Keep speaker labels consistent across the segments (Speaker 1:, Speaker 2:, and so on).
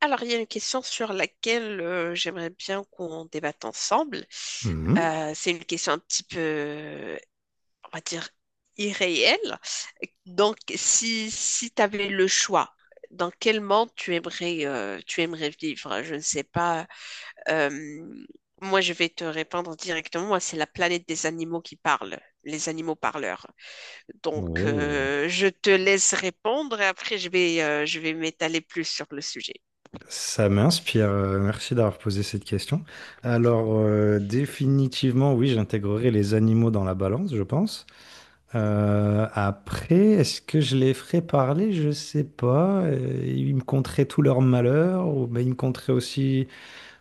Speaker 1: Alors, il y a une question sur laquelle j'aimerais bien qu'on débatte ensemble.
Speaker 2: Mhm.
Speaker 1: C'est une question un petit peu, on va dire, irréelle. Donc, si tu avais le choix, dans quel monde tu aimerais vivre? Je ne sais pas. Euh, moi, je vais te répondre directement. Moi, c'est la planète des animaux qui parle, les animaux parleurs. Donc,
Speaker 2: Oh.
Speaker 1: je te laisse répondre et après, je vais m'étaler plus sur le sujet.
Speaker 2: Ça m'inspire. Merci d'avoir posé cette question. Alors, définitivement, oui, j'intégrerai les animaux dans la balance, je pense. Après, est-ce que je les ferai parler? Je sais pas. Ils me conteraient tout leur malheur, ou ben, ils me conteraient aussi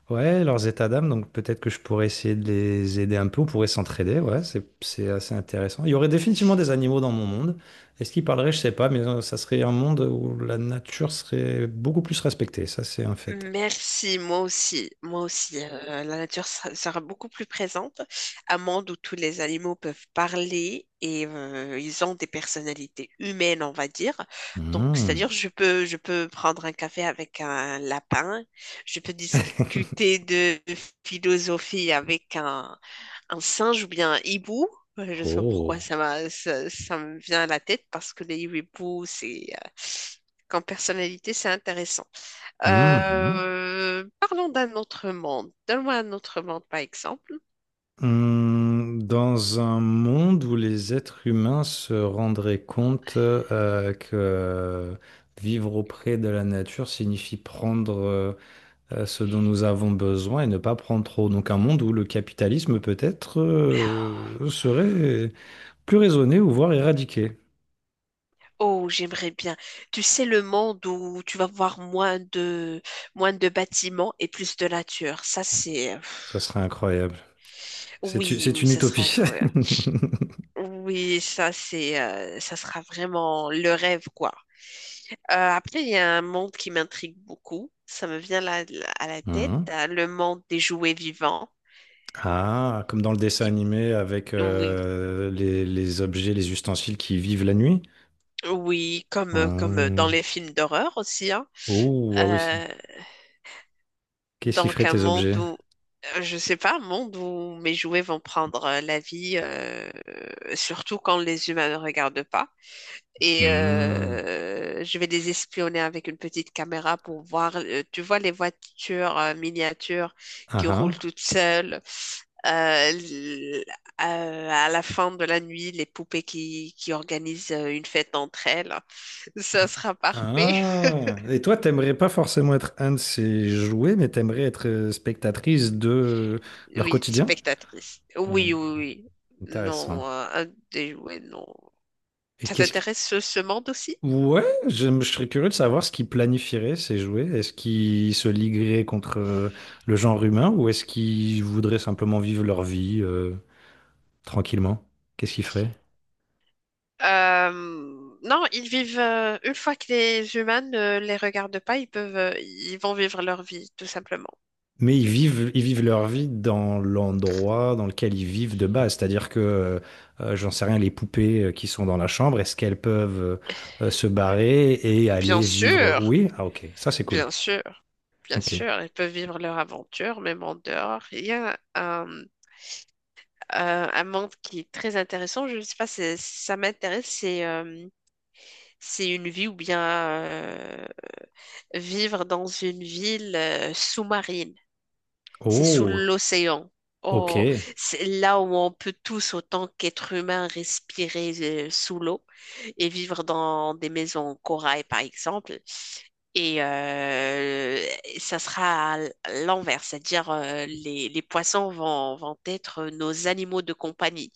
Speaker 2: Ouais, leurs états d'âme, donc peut-être que je pourrais essayer de les aider un peu, on pourrait s'entraider, ouais, c'est assez intéressant. Il y aurait définitivement des animaux dans mon monde. Est-ce qu'ils parleraient, je sais pas, mais ça serait un monde où la nature serait beaucoup plus respectée, ça c'est un fait.
Speaker 1: Merci, moi aussi, moi aussi. La nature sera beaucoup plus présente. Un monde où tous les animaux peuvent parler et ils ont des personnalités humaines, on va dire. Donc,
Speaker 2: Hmm.
Speaker 1: c'est-à-dire, je peux prendre un café avec un lapin, je peux discuter de philosophie avec un singe ou bien un hibou. Je sais pas pourquoi
Speaker 2: Oh.
Speaker 1: ça me vient à la tête parce que les hiboux, comme personnalité, c'est intéressant.
Speaker 2: Mhm.
Speaker 1: Parlons d'un autre monde. Donne-moi un autre monde, par exemple.
Speaker 2: Hmm. Dans un monde où les êtres humains se rendraient compte que vivre auprès de la nature signifie prendre ce dont nous avons besoin et ne pas prendre trop. Donc un monde où le capitalisme peut-être serait plus raisonné ou voire éradiqué.
Speaker 1: Oh, j'aimerais bien. Tu sais, le monde où tu vas voir moins de bâtiments et plus de nature.
Speaker 2: Ça serait incroyable. C'est
Speaker 1: Oui,
Speaker 2: c'est
Speaker 1: oui,
Speaker 2: une
Speaker 1: ça serait
Speaker 2: utopie.
Speaker 1: incroyable. Oui, ça sera vraiment le rêve, quoi. Après, il y a un monde qui m'intrigue beaucoup. Ça me vient là, à la tête.
Speaker 2: Mhm.
Speaker 1: Le monde des jouets vivants.
Speaker 2: Ah, comme dans le dessin
Speaker 1: Il-
Speaker 2: animé avec
Speaker 1: Oui,
Speaker 2: les objets, les ustensiles qui vivent la nuit.
Speaker 1: oui, comme, comme dans
Speaker 2: Hmm.
Speaker 1: les films d'horreur aussi, hein.
Speaker 2: Oh, ah oui.
Speaker 1: Euh,
Speaker 2: Qu'est-ce qui ferait
Speaker 1: donc un
Speaker 2: tes
Speaker 1: monde
Speaker 2: objets?
Speaker 1: où, je sais pas, un monde où mes jouets vont prendre la vie, surtout quand les humains ne regardent pas. Et
Speaker 2: Hmm.
Speaker 1: je vais les espionner avec une petite caméra pour voir, tu vois, les voitures miniatures
Speaker 2: Ah
Speaker 1: qui roulent
Speaker 2: ah.
Speaker 1: toutes seules. Euh, l- à la fin de la nuit, les poupées qui organisent une fête entre elles. Ça sera parfait.
Speaker 2: Ah, et toi, t'aimerais pas forcément être un de ces jouets, mais t'aimerais être spectatrice de leur
Speaker 1: Oui,
Speaker 2: quotidien?
Speaker 1: spectatrice.
Speaker 2: Hmm,
Speaker 1: Oui, oui, oui. Non,
Speaker 2: intéressant.
Speaker 1: un des jouets, non.
Speaker 2: Et
Speaker 1: Ça
Speaker 2: qu'est-ce qui...
Speaker 1: t'intéresse ce monde aussi?
Speaker 2: Ouais, je serais curieux de savoir ce qu'ils planifieraient, ces jouets. Est-ce qu'ils se ligueraient contre le genre humain ou est-ce qu'ils voudraient simplement vivre leur vie tranquillement? Qu'est-ce qu'ils feraient?
Speaker 1: Euh, non, une fois que les humains ne les regardent pas, ils vont vivre leur vie, tout simplement.
Speaker 2: Mais ils vivent leur vie dans l'endroit dans lequel ils vivent de base. C'est-à-dire que, j'en sais rien, les poupées qui sont dans la chambre, est-ce qu'elles peuvent se barrer et
Speaker 1: Bien
Speaker 2: aller vivre?
Speaker 1: sûr,
Speaker 2: Oui? Ah, ok. Ça, c'est cool.
Speaker 1: bien sûr, bien
Speaker 2: Ok.
Speaker 1: sûr, ils peuvent vivre leur aventure, même en dehors. Il y a un monde qui est très intéressant, je ne sais pas si ça m'intéresse, c'est une vie ou bien vivre dans une ville sous-marine. C'est sous
Speaker 2: Oh,
Speaker 1: l'océan.
Speaker 2: ok.
Speaker 1: Oh, c'est là où on peut tous, autant qu'être humain, respirer sous l'eau et vivre dans des maisons en corail, par exemple. Et ça sera à l'envers, c'est-à-dire les poissons vont être nos animaux de compagnie.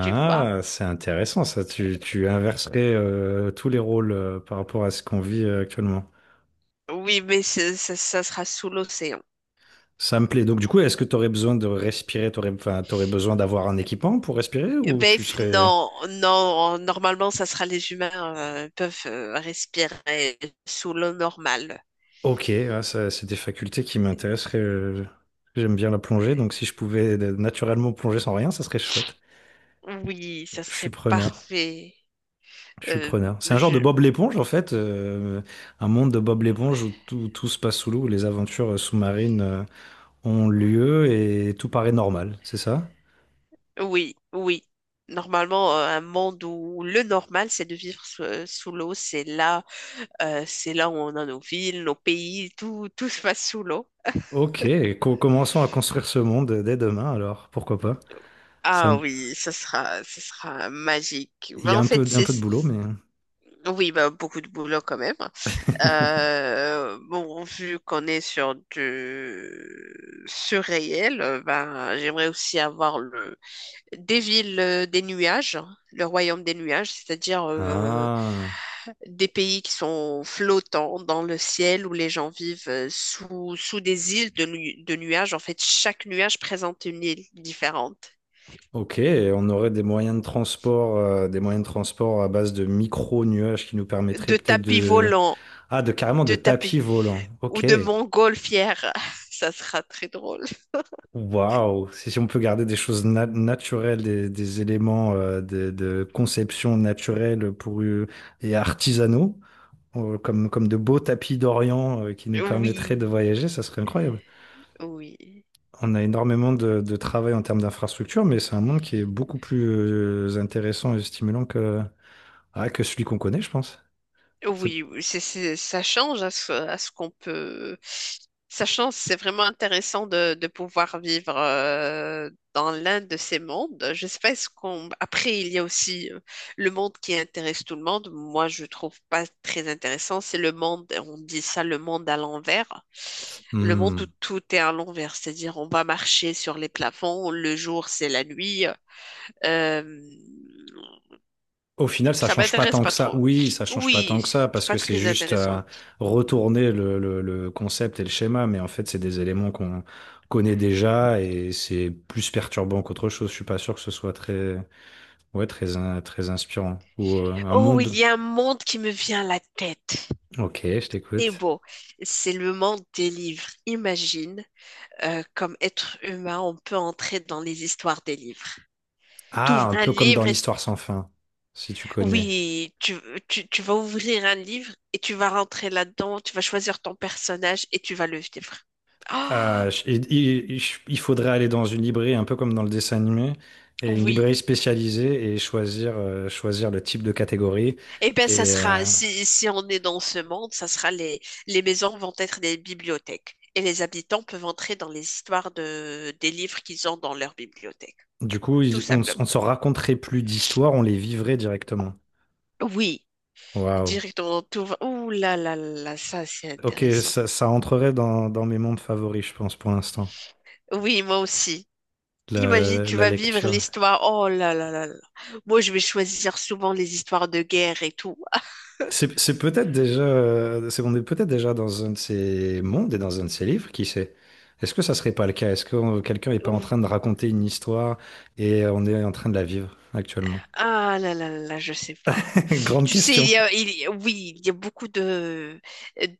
Speaker 1: Tu vois?
Speaker 2: c'est intéressant, ça. Tu inverserais tous les rôles par rapport à ce qu'on vit actuellement.
Speaker 1: Oui, mais ça sera sous l'océan.
Speaker 2: Ça me plaît. Donc, du coup, est-ce que tu aurais besoin de respirer? T'aurais, enfin, t'aurais besoin d'avoir un équipement pour respirer ou tu serais...
Speaker 1: Non, non, normalement, ça sera les humains peuvent respirer sous l'eau normale.
Speaker 2: Ok, ouais, ça, c'est des facultés qui m'intéresseraient. J'aime bien la plongée, donc si je pouvais naturellement plonger sans rien, ça serait chouette.
Speaker 1: Oui, ça
Speaker 2: Je suis
Speaker 1: serait
Speaker 2: preneur.
Speaker 1: parfait.
Speaker 2: Je suis
Speaker 1: Euh,
Speaker 2: preneur. C'est un genre de
Speaker 1: je...
Speaker 2: Bob l'éponge, en fait. Un monde de Bob l'éponge où tout se passe sous l'eau, où les aventures sous-marines ont lieu et tout paraît normal, c'est ça?
Speaker 1: Oui, oui. Normalement, un monde où le normal, c'est de vivre sous l'eau. C'est là où on a nos villes, nos pays, tout se passe sous l'eau.
Speaker 2: Ok, commençons à construire ce monde dès demain, alors, pourquoi pas? Ça,
Speaker 1: Ah
Speaker 2: me-
Speaker 1: oui, ça sera magique.
Speaker 2: il
Speaker 1: Mais
Speaker 2: y a
Speaker 1: en fait,
Speaker 2: un
Speaker 1: c'est
Speaker 2: peu de boulot, mais...
Speaker 1: oui, bah, beaucoup de boulot quand même. Bon, vu qu'on est sur du surréel, ben, j'aimerais aussi avoir le des villes des nuages, le royaume des nuages, c'est-à-dire
Speaker 2: Ah.
Speaker 1: des pays qui sont flottants dans le ciel où les gens vivent sous sous des îles de nuages. En fait, chaque nuage présente une île différente.
Speaker 2: Ok, et on aurait des moyens de transport, des moyens de transport à base de micro-nuages qui nous permettraient
Speaker 1: De
Speaker 2: peut-être
Speaker 1: tapis
Speaker 2: de...
Speaker 1: volants,
Speaker 2: Ah, de carrément de
Speaker 1: de tapis
Speaker 2: tapis volants.
Speaker 1: ou
Speaker 2: Ok,
Speaker 1: de montgolfières, ça sera très drôle.
Speaker 2: waouh, si on peut garder des choses naturelles, des éléments de conception naturelle pour, et artisanaux, comme de beaux tapis d'Orient qui nous permettraient de
Speaker 1: Oui,
Speaker 2: voyager, ça serait incroyable.
Speaker 1: oui,
Speaker 2: On a énormément de travail en termes d'infrastructure, mais c'est un monde qui est beaucoup plus intéressant et stimulant. Ah, que celui qu'on connaît, je pense. C'est-
Speaker 1: oui, ça change à à ce qu'on peut. Ça change, c'est vraiment intéressant de pouvoir vivre dans l'un de ces mondes. Je sais pas, est-ce qu'on. Après, il y a aussi le monde qui intéresse tout le monde. Moi, je trouve pas très intéressant. C'est le monde, on dit ça, le monde à l'envers. Le monde où
Speaker 2: Hmm.
Speaker 1: tout est à l'envers, c'est-à-dire on va marcher sur les plafonds, le jour c'est la nuit. Euh,
Speaker 2: Au final, ça
Speaker 1: Ça
Speaker 2: change pas
Speaker 1: m'intéresse
Speaker 2: tant que
Speaker 1: pas
Speaker 2: ça.
Speaker 1: trop.
Speaker 2: Oui, ça change pas tant
Speaker 1: Oui,
Speaker 2: que ça
Speaker 1: c'est
Speaker 2: parce que
Speaker 1: pas
Speaker 2: c'est
Speaker 1: très
Speaker 2: juste
Speaker 1: intéressant.
Speaker 2: retourner le concept et le schéma, mais en fait, c'est des éléments qu'on connaît déjà et c'est plus perturbant qu'autre chose. Je suis pas sûr que ce soit ouais, très inspirant ou un
Speaker 1: Oh, il
Speaker 2: monde.
Speaker 1: y a un monde qui me vient à la tête.
Speaker 2: Ok, je
Speaker 1: C'est
Speaker 2: t'écoute.
Speaker 1: beau. C'est le monde des livres. Imagine, comme être humain, on peut entrer dans les histoires des livres.
Speaker 2: Ah,
Speaker 1: T'ouvres
Speaker 2: un
Speaker 1: un
Speaker 2: peu comme dans
Speaker 1: livre et
Speaker 2: l'histoire sans fin, si tu connais.
Speaker 1: oui, tu vas ouvrir un livre et tu vas rentrer là-dedans, tu vas choisir ton personnage et tu vas le vivre. Ah,
Speaker 2: Ah, il faudrait aller dans une librairie un peu comme dans le dessin animé, et une
Speaker 1: oui,
Speaker 2: librairie spécialisée et choisir, choisir le type de catégorie.
Speaker 1: eh bien,
Speaker 2: Et
Speaker 1: si, si on est dans ce monde, les maisons vont être des bibliothèques et les habitants peuvent entrer dans les histoires des livres qu'ils ont dans leur bibliothèque,
Speaker 2: du coup,
Speaker 1: tout
Speaker 2: on ne
Speaker 1: simplement.
Speaker 2: on ne se raconterait plus d'histoires, on les vivrait directement.
Speaker 1: Oui.
Speaker 2: Waouh.
Speaker 1: Directement, tout va. Ouh là là là, ça c'est
Speaker 2: Ok,
Speaker 1: intéressant.
Speaker 2: ça entrerait dans mes mondes favoris, je pense, pour l'instant,
Speaker 1: Oui, moi aussi. Imagine, tu
Speaker 2: la
Speaker 1: vas vivre
Speaker 2: lecture.
Speaker 1: l'histoire. Oh là là là là. Moi, je vais choisir souvent les histoires de guerre et tout.
Speaker 2: C'est peut-être déjà, c'est, on est peut-être déjà dans un de ces mondes et dans un de ces livres, qui sait? Est-ce que ça serait pas le cas? Est-ce que quelqu'un n'est pas en train de raconter une histoire et on est en train de la vivre actuellement?
Speaker 1: Ah là là là, là, je sais pas.
Speaker 2: Grande
Speaker 1: Tu sais,
Speaker 2: question
Speaker 1: oui, il y a beaucoup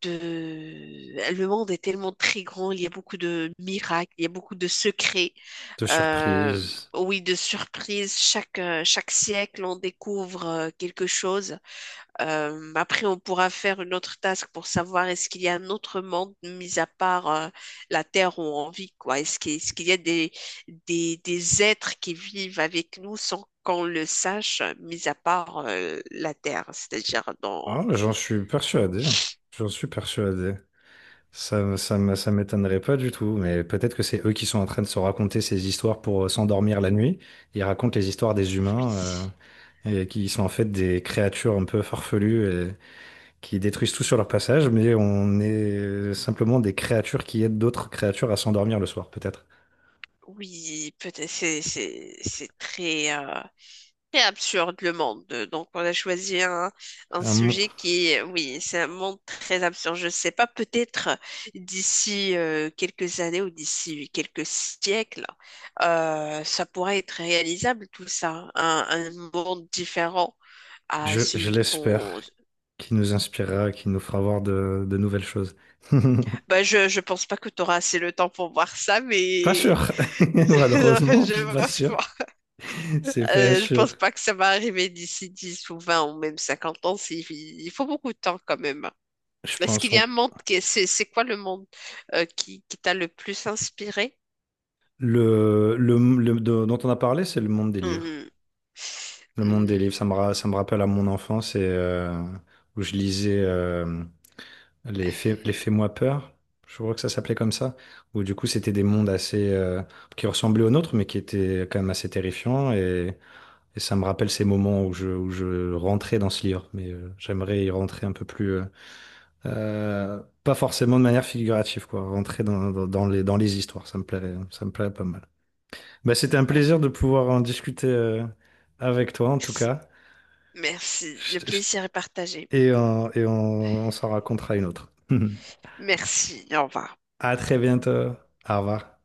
Speaker 1: de, le monde est tellement très grand, il y a beaucoup de miracles, il y a beaucoup de secrets,
Speaker 2: de
Speaker 1: euh,
Speaker 2: surprise.
Speaker 1: oui, de surprises. Chaque siècle, on découvre quelque chose. Après, on pourra faire une autre task pour savoir est-ce qu'il y a un autre monde mis à part la Terre où on vit, quoi. Est-ce qu'il y a des êtres qui vivent avec nous sans qu'on le sache, mis à part la Terre, c'est-à-dire dans...
Speaker 2: Ah, j'en suis persuadé. J'en suis persuadé. Ça m'étonnerait pas du tout, mais peut-être que c'est eux qui sont en train de se raconter ces histoires pour s'endormir la nuit. Ils racontent les histoires des
Speaker 1: Oui,
Speaker 2: humains et qui sont en fait des créatures un peu farfelues qui détruisent tout sur leur passage, mais on est simplement des créatures qui aident d'autres créatures à s'endormir le soir, peut-être.
Speaker 1: oui, peut-être c'est très... très absurde le monde. Donc, on a choisi un
Speaker 2: Un mon-
Speaker 1: sujet qui est, oui, c'est un monde très absurde. Je ne sais pas, peut-être d'ici quelques années ou d'ici quelques siècles, ça pourrait être réalisable tout ça, un monde différent à
Speaker 2: je
Speaker 1: celui
Speaker 2: l'espère,
Speaker 1: qu'on...
Speaker 2: qui nous inspirera, qui nous fera voir de nouvelles choses.
Speaker 1: Bah, je ne pense pas que tu auras assez le temps pour voir ça,
Speaker 2: Pas
Speaker 1: mais
Speaker 2: sûr,
Speaker 1: non,
Speaker 2: malheureusement, c'est
Speaker 1: je
Speaker 2: pas
Speaker 1: pense
Speaker 2: sûr.
Speaker 1: pas.
Speaker 2: C'est pas
Speaker 1: Je pense
Speaker 2: sûr.
Speaker 1: pas que ça va arriver d'ici 10 ou 20 ou même 50 ans. Il faut beaucoup de temps quand même.
Speaker 2: Je
Speaker 1: Est-ce
Speaker 2: pense
Speaker 1: qu'il y a un
Speaker 2: on-
Speaker 1: monde qui est- c'est quoi le monde qui t'a le plus inspiré?
Speaker 2: le- de- dont on a parlé, c'est le monde des livres.
Speaker 1: Mhm.
Speaker 2: Le monde des
Speaker 1: Mhm.
Speaker 2: livres, ça me rappelle à mon enfance et où je lisais. Les Fais-moi peur, je crois que ça s'appelait comme ça, où du coup c'était des mondes assez qui ressemblaient aux nôtres, mais qui étaient quand même assez terrifiants. Et ça me rappelle ces moments où où je rentrais dans ce livre, mais j'aimerais y rentrer un peu plus, pas forcément de manière figurative, quoi, rentrer dans les histoires, ça me plairait pas mal. Bah, c'était un plaisir de pouvoir en discuter avec toi, en tout
Speaker 1: Merci.
Speaker 2: cas.
Speaker 1: Merci. Le
Speaker 2: Je- je-
Speaker 1: plaisir est partagé.
Speaker 2: et, et on s'en racontera une autre.
Speaker 1: Merci. Au revoir.
Speaker 2: À très bientôt, au revoir.